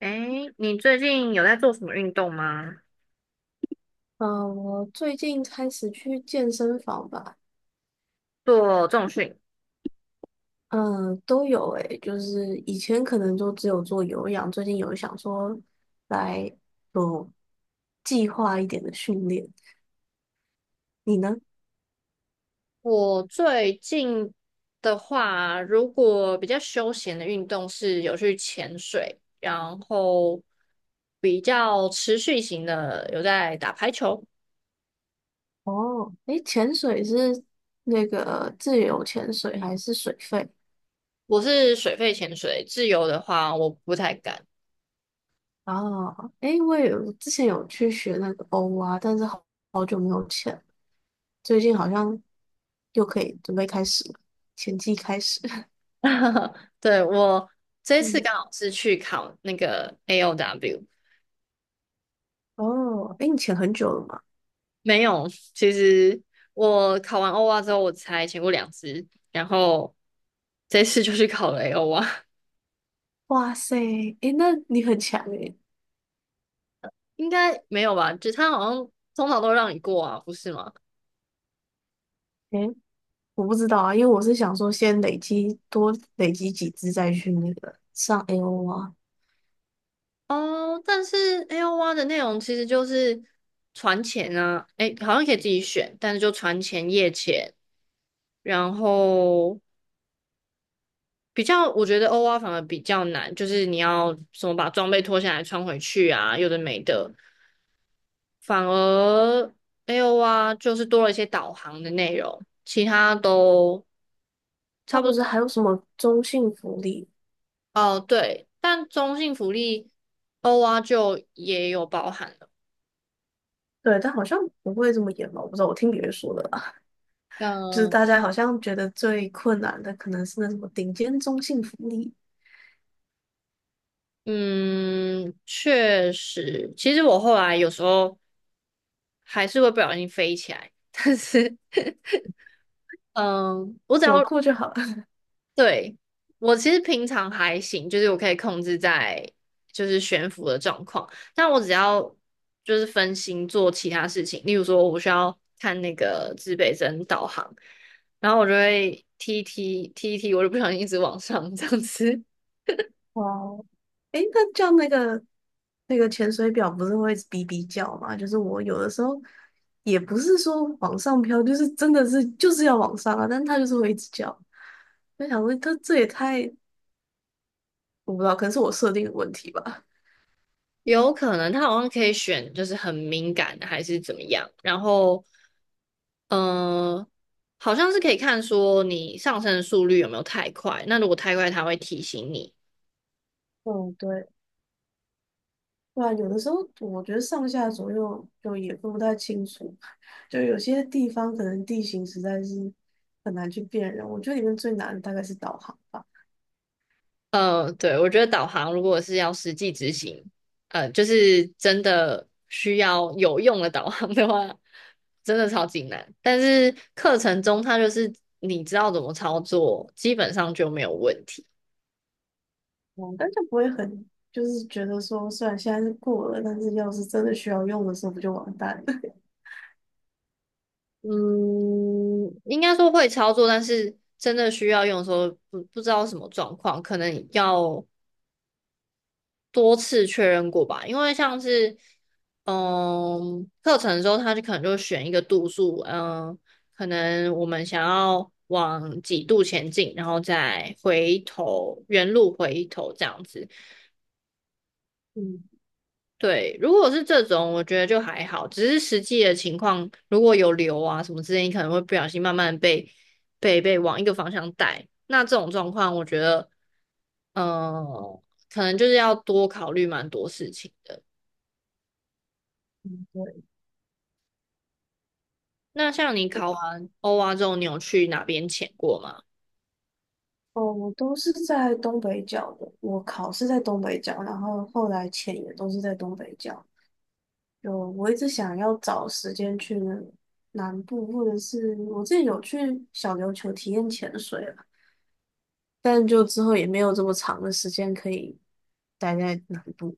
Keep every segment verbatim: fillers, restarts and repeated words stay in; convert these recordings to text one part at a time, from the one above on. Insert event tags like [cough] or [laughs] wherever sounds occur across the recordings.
诶，你最近有在做什么运动吗？嗯，我最近开始去健身房吧，做重训？嗯，都有诶，就是以前可能就只有做有氧，最近有想说来有计划一点的训练。你呢？我最近的话，如果比较休闲的运动是有去潜水，然后比较持续型的有在打排球。哦，诶，潜水是那个自由潜水还是水肺？我是水肺潜水，自由的话我不太敢。哦，诶，我也有之前有去学那个欧啊，但是好好久没有潜了最近好像又可以准备开始了，潜季开始。[laughs] [laughs] 对，我这次嗯刚好是去考那个 A O W。哦，哎，你潜很久了吗？没有，其实我考完欧蛙之后，我才潜过两次，然后这次就去考了 A O 蛙。哇塞，哎，那你很强哎。[laughs] 应该没有吧？就他好像通常都让你过啊，不是吗？哎，我不知道啊，因为我是想说先累积多累积几只再去那个上 A O 啊。哦，但是 A O 蛙的内容其实就是船潜啊，诶，好像可以自己选，但是就船潜、夜潜，然后比较，我觉得欧蛙反而比较难，就是你要什么把装备脱下来穿回去啊，有的没的。反而 A O R 就是多了一些导航的内容，其他都差那不不是多。还有什么中性福利？哦，对，但中性福利 O R 就也有包含了。对，但好像不会这么严吧？我不知道，我听别人说的啦。[laughs] 就是嗯大家好像觉得最困难的可能是那什么顶尖中性福利，嗯，确实，其实我后来有时候还是会不小心飞起来，但是嗯，我只有要过就好。了。对，我其实平常还行，就是我可以控制在就是悬浮的状况，但我只要就是分心做其他事情，例如说我需要看那个指北针导航，然后我就会踢一踢踢一踢，我就不小心一直往上这样子。哇哦，诶，那叫那个那个潜水表不是会哔哔叫吗？就是我有的时候也不是说往上飘，就是真的是就是要往上啊，但它就是会一直叫。我想问，它这也太我不知道，可能是我设定的问题吧。有可能他好像可以选就是很敏感的还是怎么样，然后嗯、呃好像是可以看说你上升的速率有没有太快，那如果太快他会提醒你。嗯，对，对啊，有的时候我觉得上下左右就也分不太清楚，就有些地方可能地形实在是很难去辨认。我觉得里面最难的大概是导航吧。嗯，对，我觉得导航如果是要实际执行，呃，就是真的需要有用的导航的话，真的超级难。但是课程中它就是你知道怎么操作，基本上就没有问题。嗯，但就不会很，就是觉得说，虽然现在是过了，但是要是真的需要用的时候，不就完蛋了？[laughs] 嗯，应该说会操作，但是真的需要用的时候不不知道什么状况，可能要多次确认过吧，因为像是嗯课程的时候，他就可能就选一个度数，嗯，可能我们想要往几度前进，然后再回头原路回头这样子。嗯，对，如果是这种，我觉得就还好，只是实际的情况，如果有流啊什么之类，你可能会不小心慢慢被被被往一个方向带。那这种状况，我觉得，嗯、可能就是要多考虑蛮多事情的。对，那像你考完欧蛙之后，你有去哪边潜过吗？哦，我都是在东北角的，我考是在东北角，然后后来潜也都是在东北角。就我一直想要找时间去南部，或者是我自己有去小琉球体验潜水了，但就之后也没有这么长的时间可以待在南部。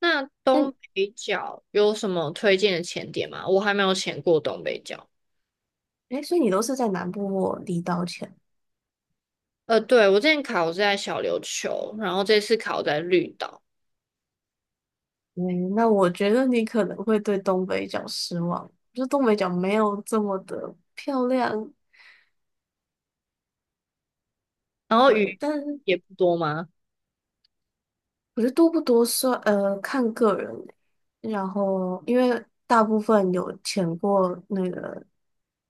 那那，东北角有什么推荐的潜点吗？我还没有潜过东北角。哎，所以你都是在南部或离岛潜？呃，对，我之前考是在小琉球，然后这次考在绿岛，嗯，那我觉得你可能会对东北角失望，就东北角没有这么的漂亮，然后对，鱼但是也不多吗？我觉得多不多算，呃，看个人欸然后，因为大部分有潜过那个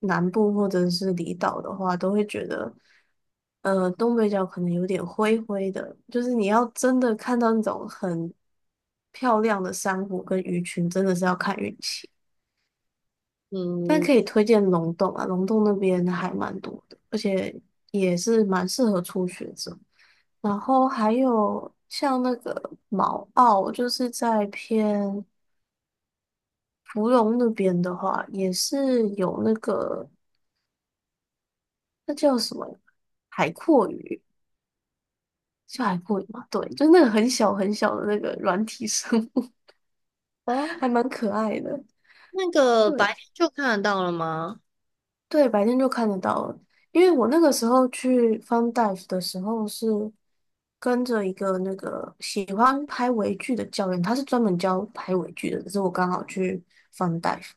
南部或者是离岛的话，都会觉得，呃，东北角可能有点灰灰的，就是你要真的看到那种很漂亮的珊瑚跟鱼群，真的是要看运气。但嗯，可以推荐龙洞啊，龙洞那边还蛮多的，而且也是蛮适合初学者。然后还有像那个毛澳，就是在偏芙蓉那边的话，也是有那个那叫什么海阔鱼，叫海阔鱼吗？对，就是那个很小很小的那个软体生物，哦，[laughs] 还蛮可爱的。那个白对。天就看得到了吗？对，白天就看得到了。因为我那个时候去 Fun Dive 的时候，是跟着一个那个喜欢拍微距的教练，他是专门教拍微距的。只是我刚好去 Fun Dive，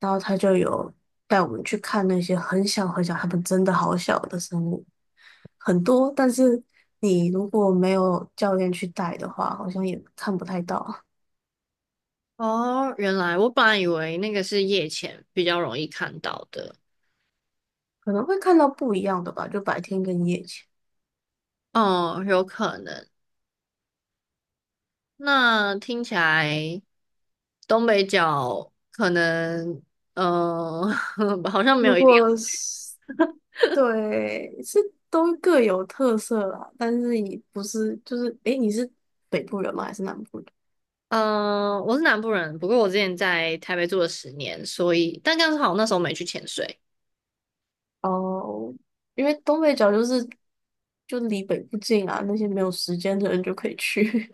然后他就有带我们去看那些很小很小，他们真的好小的生物，很多。但是你如果没有教练去带的话，好像也看不太到，哦，原来我本来以为那个是夜潜比较容易看到的。可能会看到不一样的吧，就白天跟夜间。哦，有可能。那听起来东北角可能，嗯、[laughs] 好像没有如一定。果是对，是都各有特色啦，但是你不是就是，诶，你是北部人吗？还是南部人？嗯、我是南部人，不过我之前在台北住了十年，所以但刚好那时候没去潜水。哦，因为东北角就是就离北部近啊，那些没有时间的人就可以去。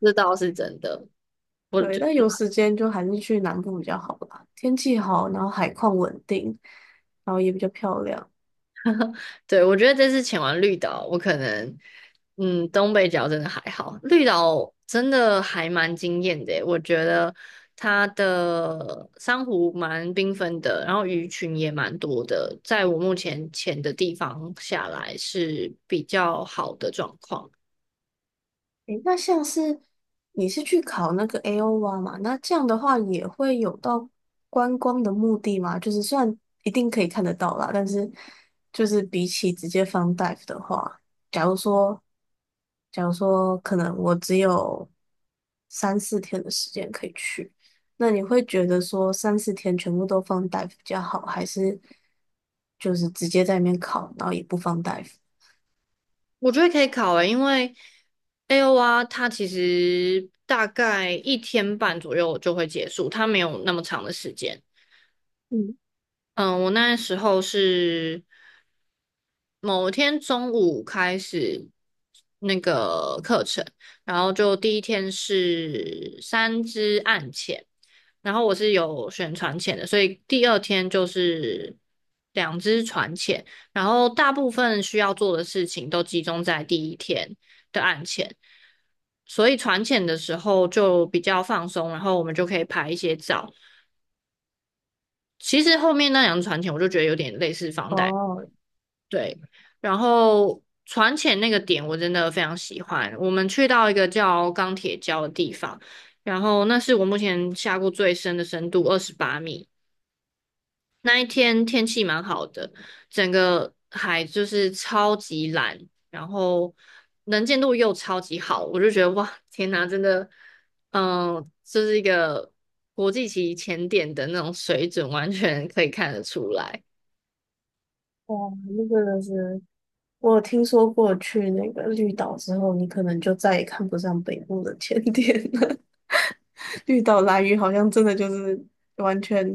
这倒是真的。[laughs] 我对，但有时间就还是去南部比较好吧，天气好，然后海况稳定，然后也比较漂亮。对，我觉得这次潜完绿岛，我可能，嗯，东北角真的还好，绿岛真的还蛮惊艳的耶，我觉得它的珊瑚蛮缤纷的，然后鱼群也蛮多的，在我目前潜的地方下来是比较好的状况。诶，那像是你是去考那个 A O R 嘛？那这样的话也会有到观光的目的吗？就是虽然一定可以看得到啦，但是就是比起直接放 dive 的话，假如说，假如说可能我只有三四天的时间可以去，那你会觉得说三四天全部都放 dive 比较好，还是就是直接在里面考，然后也不放 dive？我觉得可以考诶，因为 A O R 它其实大概一天半左右就会结束，它没有那么长的时间。嗯，嗯，我那时候是某天中午开始那个课程，然后就第一天是三支暗潜，然后我是有选船潜的，所以第二天就是两支船潜，然后大部分需要做的事情都集中在第一天的暗潜，所以船潜的时候就比较放松，然后我们就可以拍一些照。其实后面那两支船潜我就觉得有点类似房贷。哦，对，然后船潜那个点我真的非常喜欢。我们去到一个叫钢铁礁的地方，然后那是我目前下过最深的深度，二十八米。那一天天气蛮好的，整个海就是超级蓝，然后能见度又超级好，我就觉得哇，天哪，真的，嗯、这是一个国际级潜点的那种水准，完全可以看得出来。哇，那个是。我有听说过去那个绿岛之后，你可能就再也看不上北部的甜点了。[laughs] 绿岛蓝鱼好像真的就是完全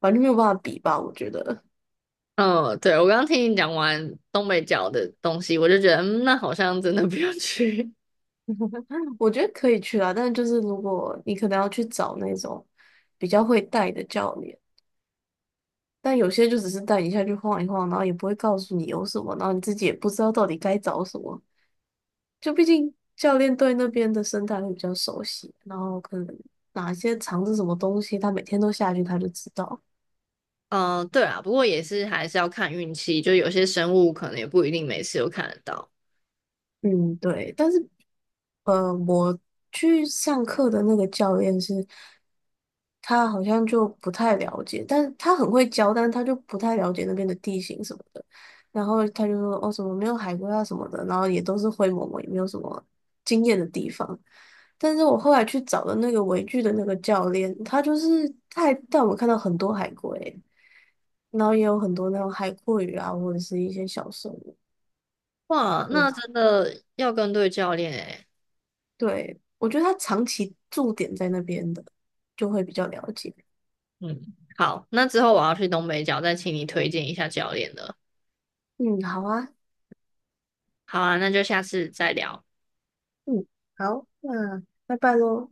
完全没有办法比吧，我觉得。嗯，对，我刚刚听你讲完东北角的东西，我就觉得，嗯，那好像真的不用去。 [laughs] 我觉得可以去啊，但是就是如果你可能要去找那种比较会带的教练，但有些就只是带你下去晃一晃，然后也不会告诉你有什么，然后你自己也不知道到底该找什么。就毕竟教练对那边的生态会比较熟悉，然后可能哪些藏着什么东西，他每天都下去，他就知道。[laughs]。嗯，对啊，不过也是还是要看运气，就有些生物可能也不一定每次都看得到。嗯，对。但是呃，我去上课的那个教练是，他好像就不太了解，但是他很会教，但是他就不太了解那边的地形什么的。然后他就说：“哦，什么没有海龟啊什么的，然后也都是灰蒙蒙，也没有什么惊艳的地方。”但是我后来去找了那个围剧的那个教练，他就是他还带我们看到很多海龟，然后也有很多那种海蛞蝓啊，或者是一些小生物。哇，那真的要跟对教练诶。对，我觉得他长期驻点在那边的，就会比较了解。嗯，好，那之后我要去东北角，再请你推荐一下教练了。嗯，好啊，好啊，那就下次再聊，嗯，好，那拜拜喽。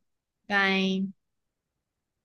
拜。